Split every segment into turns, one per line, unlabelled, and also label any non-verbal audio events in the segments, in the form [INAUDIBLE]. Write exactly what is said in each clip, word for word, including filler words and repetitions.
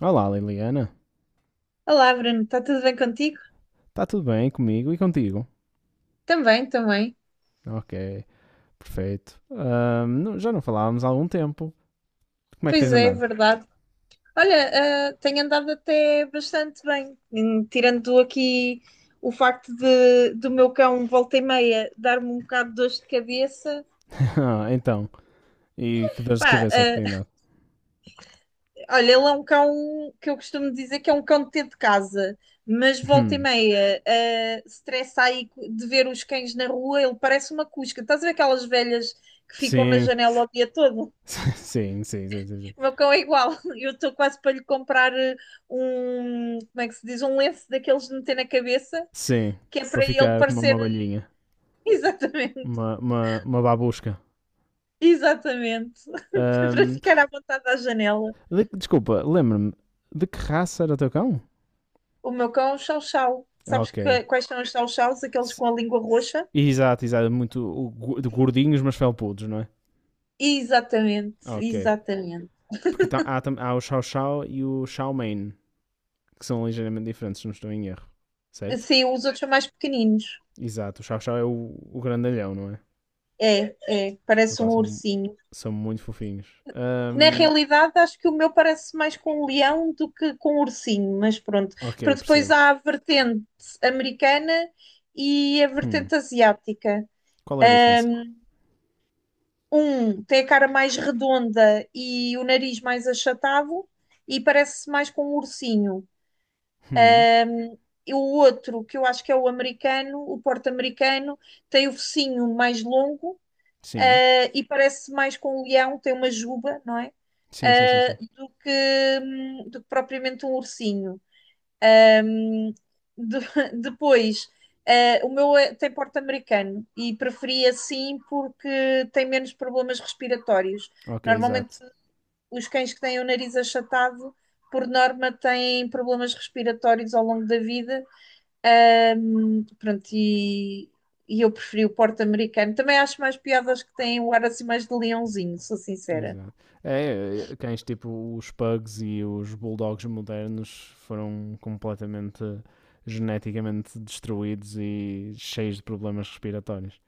Olá, Liliana.
Olá, Bruno, está tudo bem contigo?
Está tudo bem comigo e contigo?
Também, também.
Ok, perfeito. Ahm, não- já não falávamos há algum tempo. Como é que tens
Pois é, é
andado?
verdade. Olha, ah, tenho andado até bastante bem, Hum, tirando aqui o facto de, do meu cão volta e meia dar-me um bocado de dores de cabeça.
[LAUGHS] Ah, então, e que dores de
Pá,
cabeça é que
ah,
tem dado?
olha, ele é um cão que eu costumo dizer que é um cão de ter de casa, mas volta e
Hum,
meia, ah, se aí de ver os cães na rua, ele parece uma cusca. Estás a ver aquelas velhas que ficam na
sim,
janela o dia todo?
[LAUGHS] sim, sim, sim, sim, sim.
O meu cão é igual. [LAUGHS] Eu estou quase para lhe comprar eh, um, como é que se diz? Um lenço daqueles de meter na cabeça,
Sim,
que é
para
para ele
ficar como uma
parecer.
abelhinha,
[LAUGHS] Exatamente,
uma, uma, uma babusca.
exatamente. [LAUGHS] Para
Ahm,
ficar à vontade à janela.
de- Desculpa, lembra-me, de que raça era o teu cão?
O meu cão é um chau-chau. Sabes
Ok.
que- quais são os chau-chaus? Aqueles
S-
com a língua roxa?
Exato, exato, muito o gu- de gordinhos, mas felpudos, não é?
Exatamente,
Ok.
exatamente.
Porque tá- há, há o Xiao Xiao e o Xiao Main, que são ligeiramente diferentes, se não estou em erro. Certo?
Sim, os outros são mais pequeninos.
Exato, o Xiao Xiao é o, o grandalhão, não é?
É, é, parece um
Epá, são,
ursinho.
são muito fofinhos.
Na
Ahm,
realidade, acho que o meu parece mais com um leão do que com um ursinho, mas pronto. Para
ok,
depois
percebo.
há a vertente americana e a
Hum,
vertente asiática.
Qual é a diferença?
Um tem a cara mais redonda e o nariz mais achatado e parece mais com um ursinho.
Hum,
E o outro, que eu acho que é o americano, o porte americano tem o focinho mais longo
sim.
eh, e parece mais com um leão, tem uma juba, não é?
Sim, sim, sim,
Eh,
sim.
do que, hum, do que propriamente um ursinho. Hum, De- [LAUGHS] depois, eh, o meu é- tem porte americano e preferi assim porque tem menos problemas respiratórios.
Ok,
Normalmente,
exato.
os cães que têm o nariz achatado, por norma, têm problemas respiratórios ao longo da vida. Ahm, pronto, e, e eu preferi o Porto Americano. Também acho mais piadas que têm o ar assim mais de leãozinho, sou sincera.
Exato. É, é, é, cães tipo os pugs e os bulldogs modernos foram completamente geneticamente destruídos e cheios de problemas respiratórios.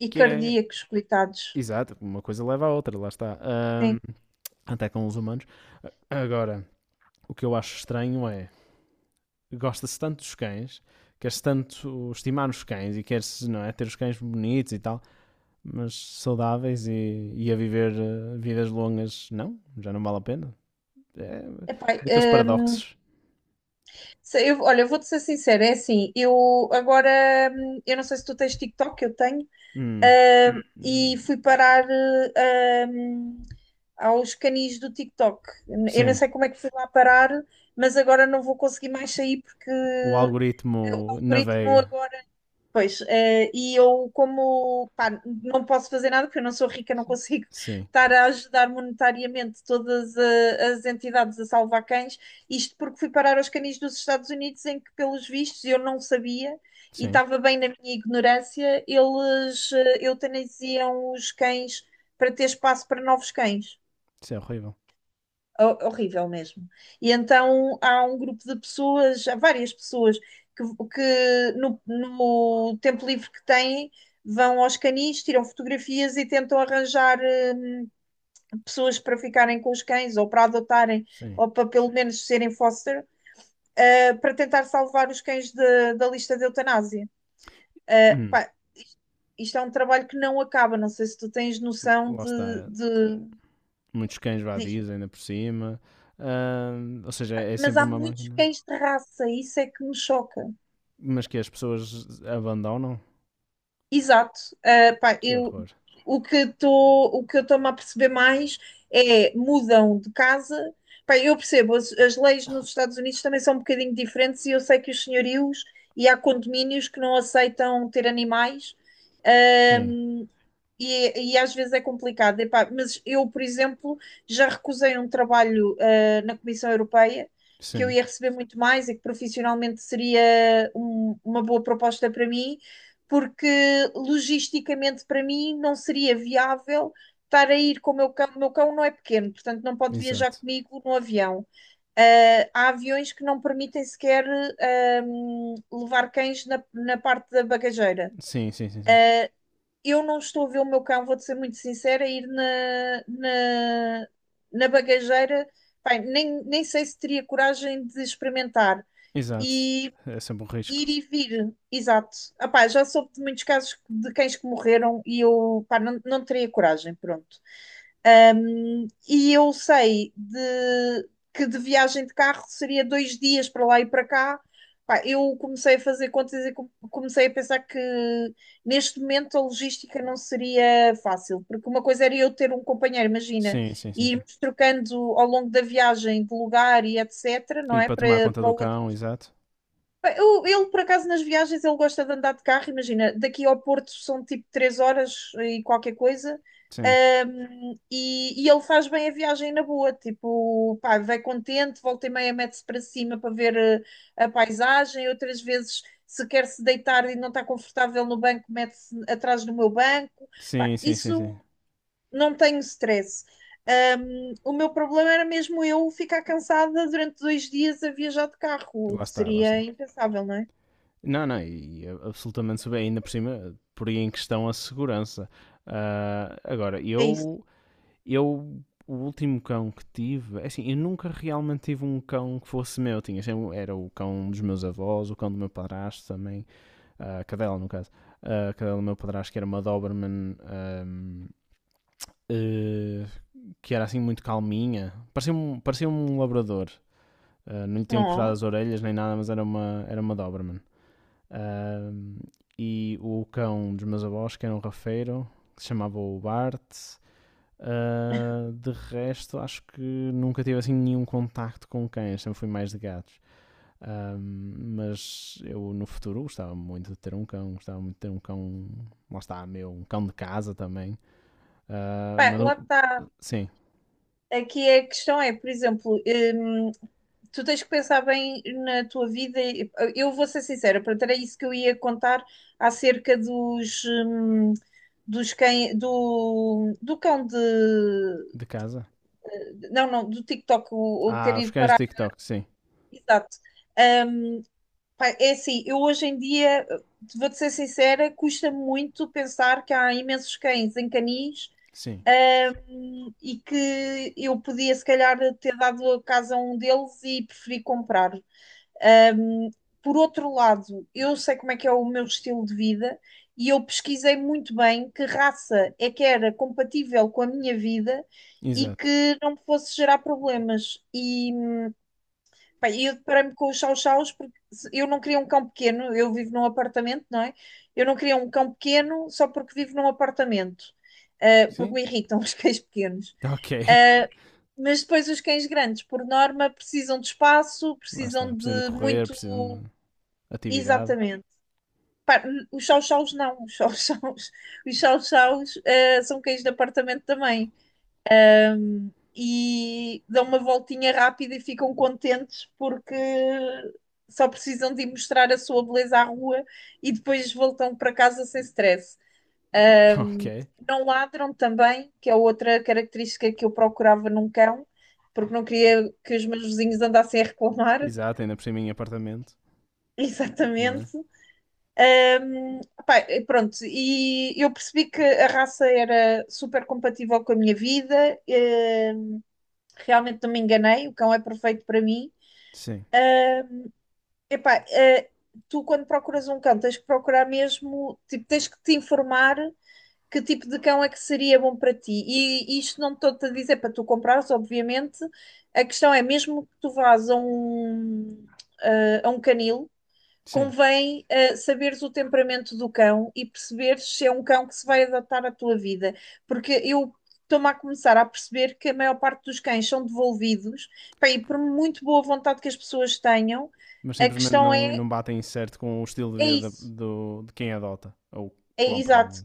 E
Que é,
cardíacos, coitados.
Exato, uma coisa leva à outra, lá está. Ahm,
Sim.
até com os humanos. Agora, o que eu acho estranho é, gosta-se tanto dos cães, quer-se tanto estimar os cães e quer-se não é, ter os cães bonitos e tal, mas saudáveis e, e a viver eh, vidas longas, não, já não vale a pena. É
Epá,
daqueles
ahm,
paradoxos.
se- eu, olha, eu vou-te ser sincera, é assim, eu agora, hum, eu não sei se tu tens TikTok, eu tenho,
Hum,
ahm,
hum, hum,
e fui parar eh, ahm, aos canis do TikTok. Eu não
sim,
sei como é que fui lá parar, mas agora não vou conseguir mais sair porque
o
o
algoritmo
algoritmo
navega.
agora. Pois, eh, e eu como, pá, não posso fazer nada porque eu não sou rica, não consigo [LAUGHS]
Sim,
estar a ajudar monetariamente todas eh, as entidades a salvar cães, isto porque fui parar aos canis dos Estados Unidos em que, pelos vistos, eu não sabia e
sim,
estava bem na minha ignorância, eles eh, eutanasiam os cães para ter espaço para novos cães.
isso é horrível.
Ho- Horrível mesmo. E então há um grupo de pessoas, há várias pessoas que, que no, no tempo livre que têm vão aos canis, tiram fotografias e tentam arranjar hum, pessoas para ficarem com os cães ou para adotarem
Sim.
ou para pelo menos serem foster, eh, para tentar salvar os cães de- da lista de eutanásia. Eh,
Hum,
pá, isto isto é um trabalho que não acaba, não sei se tu tens noção
Lá
de,
está.
de,
Muitos cães
disto.
vadios ainda por cima. Ahm, ou seja, é
Mas
sempre
há
uma
muitos
máquina.
cães de raça, isso é que me choca.
Mas que as pessoas abandonam?
Exato. Ah, pá,
Que
eu,
horror.
o que estou, o que eu estou-me a perceber mais é mudam de casa. Pá, eu percebo, as, as leis nos Estados Unidos também são um bocadinho diferentes e eu sei que os senhorios e há condomínios que não aceitam ter animais.
Sim,
Ah, e, e às vezes é complicado. Epá, mas eu, por exemplo, já recusei um trabalho, ah, na Comissão Europeia que eu
sim,
ia receber muito mais e que profissionalmente seria um- uma boa proposta para mim, porque logisticamente para mim não seria viável estar a ir com o meu cão. O meu cão não é pequeno, portanto não pode viajar
exato.
comigo no avião. Ah, há aviões que não permitem sequer, ah, hum, levar cães na na parte da bagageira.
Sim, sim, sim, sim.
Eu não estou a ver o meu cão, vou-te ser muito sincera, ir na, na, na bagageira. Bem, nem, nem sei se teria coragem de experimentar.
Exato.
E
É sempre um risco.
ir e vir, exato. Ah, pá, já soube de muitos casos de cães que morreram e eu, pá, não, não teria coragem, pronto. Um, e eu sei de, que de viagem de carro seria dois dias para lá e para cá. Pá, eu comecei a fazer contas e com- comecei a pensar que neste momento a logística não seria fácil, porque uma coisa era eu ter um companheiro, imagina,
Sim, sim, sim,
e
sim.
irmos trocando ao longo da viagem de lugar e etc, não
E
é?
para tomar
Para,
conta
para
do
o outro.
cão, exato.
Bem, eu- ele, por acaso, nas viagens, ele gosta de andar de carro. Imagina, daqui ao Porto são tipo três horas e qualquer coisa.
Sim.
Ahm, e, e ele faz bem a viagem na boa. Tipo, pá, vai contente, volta e meia mete-se para cima para ver eh, a paisagem. Outras vezes, se quer se deitar e não está confortável no banco, mete-se atrás do meu banco. Pá,
Sim, sim, sim,
isso
sim.
não tenho stress. Ahm, o meu problema era mesmo eu ficar cansada durante dois dias a viajar de carro.
Lá está, lá está.
Seria impensável, não é?
Não, não, e e é absolutamente sobre, ainda por cima, por aí em questão a segurança. Ah, agora,
É isso.
eu Eu, o último cão que tive, é assim, eu nunca realmente tive um cão que fosse meu. Tinha, sempre- era o cão dos meus avós, o cão do meu padrasto também, a cadela no caso. A cadela do meu padrasto, que era uma Doberman, ahm, eh, que era assim muito calminha. Parecia um, parecia um labrador. Ah, não lhe tinham cortado
Não.
as orelhas nem nada, mas era uma, era uma Doberman. Ahm, e o cão dos meus avós, que era um rafeiro, que se chamava o Bart. Ah, de resto, acho que nunca tive assim nenhum contacto com cães, sempre fui mais de gatos. Ah, mas eu no futuro gostava muito de ter um cão, gostava muito de ter um cão, lá está, meu, um cão de casa também. Ah,
Pá,
mas,
lá está.
sim,
Aqui a questão é, por exemplo, hum, tu tens que pensar bem na tua vida. e- Eu vou ser sincera, pronto, era isso que eu ia contar acerca dos, hum, dos cães, do, do cão de. eh,
de casa.
não, não, do TikTok, o, o
Ah,
ter
os
ido
cães de
parar.
TikTok, sim,
Exato. Ah, Pá, é assim, eu hoje em dia, vou-te ser sincera, custa muito pensar que há imensos cães em canis,
sim,
hum, e que eu podia, se calhar, ter dado a casa a um deles e preferi comprar. Hum, por outro lado, eu sei como é que é o meu estilo de vida e eu pesquisei muito bem que raça é que era compatível com a minha vida e
exato.
que não me fosse gerar problemas. E pá, eu deparei-me com os chow-chows porque se- eu não queria um cão pequeno, eu vivo num apartamento, não é? Eu não queria um cão pequeno só porque vivo num apartamento, eh, porque
Sim,
me irritam [LAUGHS] os cães pequenos.
ok.
Uh, mas depois os cães grandes, por norma, precisam de espaço,
Lá está,
precisam
precisam de
de
correr,
muito.
precisam de atividade.
Exatamente. Pá, os chow-chows não, os chow-chows, [LAUGHS] os chow-chows, uh, são cães de apartamento também e dão uma voltinha rápida e ficam contentes porque só precisam de ir mostrar a sua beleza à rua e depois voltam para casa sem stress.
[LAUGHS]
Um,
Ok.
não ladram também, que é outra característica que eu procurava num cão, porque não queria que os meus vizinhos andassem a reclamar.
Exato, ainda por cima em apartamento,
[LAUGHS]
não é?
Exatamente. Hum, Pá, e pronto, e eu percebi que a raça era super compatível com a minha vida. Eh, realmente não me enganei, o cão é perfeito para mim.
Sim,
Epá, eh, tu quando procuras um cão tens que procurar mesmo, tipo, tens que te informar que tipo de cão é que seria bom para ti. E isto não estou-te a dizer para tu comprares, obviamente. A questão é, mesmo que tu vás a um, a um canil,
sim.
convém eh, saberes o temperamento do cão e perceberes se é um cão que se vai adaptar à tua vida. Porque eu estou-me a começar a perceber que a maior parte dos cães são devolvidos, pá, e por muito boa vontade que as pessoas tenham,
Mas
a
simplesmente
questão
não,
é,
não batem certo com o estilo de
é
vida da-
isso.
do, de quem adota ou
É,
compra.
exato.
Não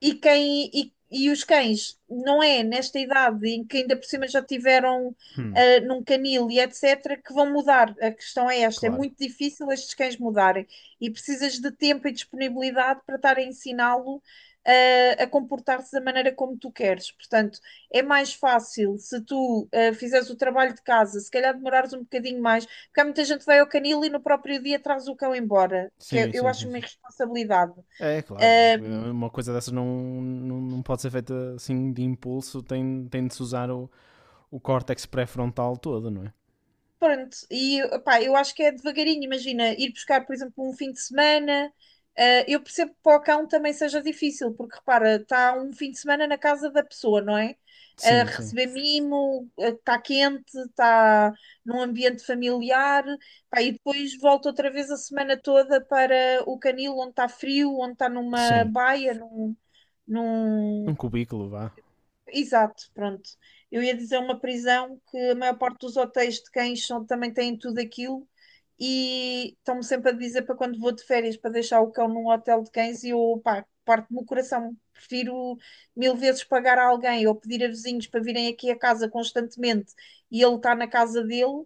E, quem, e, e os cães, não é nesta idade em que ainda por cima já tiveram
é? Hum,
ah, num canil e et cetera, que vão mudar. A questão é esta: é
claro.
muito difícil estes cães mudarem e precisas de tempo e disponibilidade para estar a ensiná-lo ah, a comportar-se da maneira como tu queres. Portanto, é mais fácil se tu ah, fizeres o trabalho de casa, se calhar demorares um bocadinho mais, porque há muita gente que vai ao canil e no próprio dia traz o cão embora, que eu
Sim,
eu
sim,
acho
sim,
uma
sim.
irresponsabilidade.
É, é claro. Uma coisa dessas não, não, não pode ser feita assim de impulso, tem, tem de se usar o, o córtex pré-frontal todo, não é?
Pronto, e opá, eu acho que é devagarinho, imagina, ir buscar, por exemplo, um fim de semana. Ah, eu percebo que para o cão também seja difícil, porque repara, está um fim de semana na casa da pessoa, não é? A
Sim, sim.
receber mimo, ah, está quente, está num ambiente familiar, pá, e depois volta outra vez a semana toda para o canil onde está frio, onde está numa
Sim.
baia, num,
Um
num-
cubículo, vá.
exato, pronto. Eu ia dizer uma prisão que a maior parte dos hotéis de cães são- também têm tudo aquilo e estão-me sempre a dizer para quando vou de férias para deixar o cão num hotel de cães e eu, pá, parte-me o coração. Prefiro mil vezes pagar a alguém ou pedir a vizinhos para virem aqui a casa constantemente e ele está na casa dele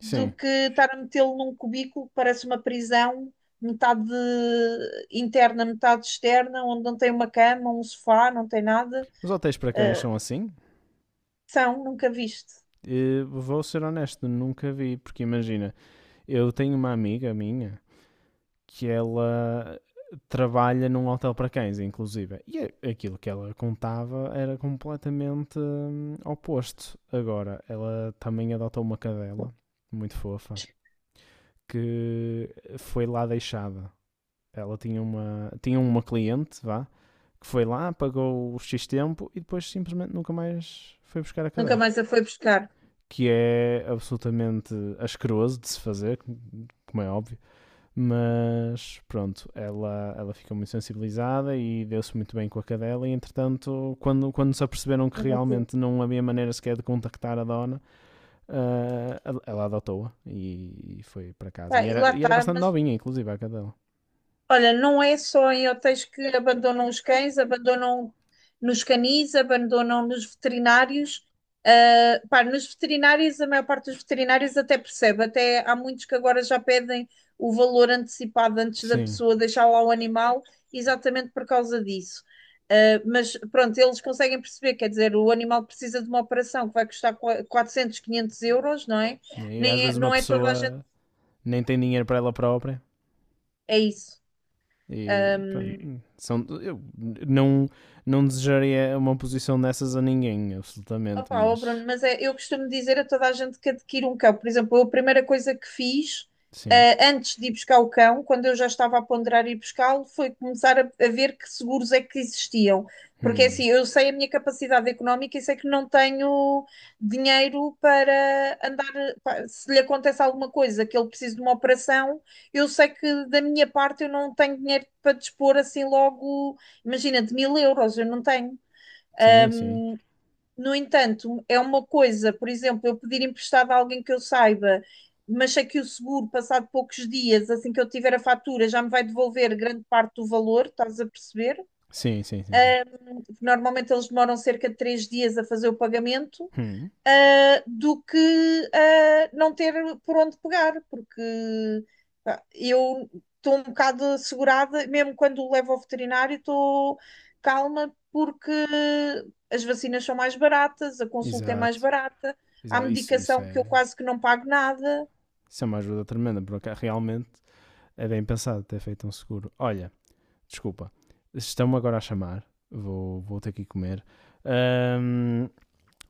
do que estar a metê-lo num cubículo que parece uma prisão, metade interna, metade externa, onde não tem uma cama, um sofá, não tem nada.
Os hotéis para cães
Ah,
são assim?
São, nunca viste.
Eh, vou ser honesto, nunca vi, porque imagina, eu tenho uma amiga minha que ela trabalha num hotel para cães, inclusive. E aquilo que ela contava era completamente hum, oposto. Agora, ela também adotou uma cadela, muito fofa, que foi lá deixada. Ela tinha uma, tinha uma cliente, vá, que foi lá, pagou o X tempo e depois simplesmente nunca mais foi buscar a
Nunca
cadela.
mais a foi buscar.
Que é absolutamente asqueroso de se fazer, como é óbvio, mas pronto, ela, ela ficou muito sensibilizada e deu-se muito bem com a cadela. E entretanto, quando, quando se aperceberam que
Mas ok.
realmente não havia maneira sequer de contactar a dona, ah, ela- ela adotou-a e, e foi para
Pá,
casa. E
e lá
era, e era
está,
bastante
mas
novinha, inclusive, a cadela.
olha, não é só em hotéis que abandonam os cães, abandonam nos canis, abandonam nos veterinários. Ah, pá, nos veterinários, a maior parte dos veterinários até percebe, até há muitos que agora já pedem o valor antecipado antes da
Sim.
pessoa deixar lá o animal, exatamente por causa disso. Ah, mas pronto, eles conseguem perceber, quer dizer, o animal precisa de uma operação que vai custar qua- quatrocentos, quinhentos euros, não é?
E às
Nem, é-
vezes uma
não é toda a gente.
pessoa nem tem dinheiro para ela própria.
É isso.
E pronto, são, eu não, não desejaria uma posição dessas a ninguém, absolutamente,
Opa, ó
mas
Bruno, mas é, eu costumo dizer a toda a gente que adquire um cão. Por exemplo, eu a primeira coisa que fiz,
sim.
eh, antes de ir buscar o cão, quando eu já estava a ponderar ir buscá-lo, foi começar a, a ver que seguros é que existiam. Porque
Hum.
assim, eu sei a minha capacidade económica e sei que não tenho dinheiro para andar. Pá, se lhe acontece alguma coisa, que ele precise de uma operação, eu sei que da minha parte eu não tenho dinheiro para dispor assim logo, imagina, de mil euros, eu não tenho.
Sim, sim.
No entanto, é uma coisa, por exemplo, eu pedir emprestado a alguém que eu saiba, mas sei que o seguro, passado poucos dias, assim que eu tiver a fatura, já me vai devolver grande parte do valor, estás a perceber?
Sim, sim, sim. Sim.
Normalmente eles demoram cerca de três dias a fazer o pagamento
Hum,
ah, do que ah, não ter por onde pegar, porque pá, eu estou um bocado assegurada, mesmo quando o levo ao veterinário, estou calma porque as vacinas são mais baratas, a consulta é mais
exato,
barata, há
exato. Isso, isso,
medicação que eu
é,
quase que não pago nada,
isso é uma ajuda tremenda, porque realmente é bem pensado ter feito um seguro. Olha, desculpa, estão-me agora a chamar, vou, vou ter que ir comer. Ahm,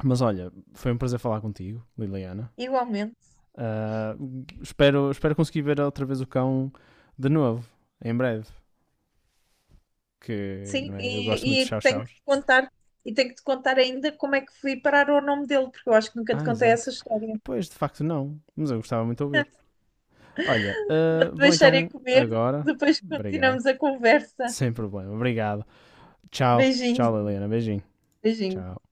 mas olha, foi um prazer falar contigo, Liliana.
igualmente.
Ah, espero, espero conseguir ver outra vez o cão de novo, em breve. Que
Sim,
não é, eu gosto muito
e,
de
e tenho que
chau-chaus.
te contar, e tenho que te contar ainda como é que fui parar o nome dele, porque eu acho que nunca te
Ah,
contei
exato.
essa história.
Pois, de facto, não, mas eu gostava muito de ouvir.
[LAUGHS]
Olha, ah, vou
Deixarei
então
comer,
agora.
depois
Obrigado.
continuamos a
[LAUGHS]
conversa.
Sem problema. Obrigado. Tchau.
Beijinho,
Tchau, Liliana. Beijinho.
beijinho.
Tchau.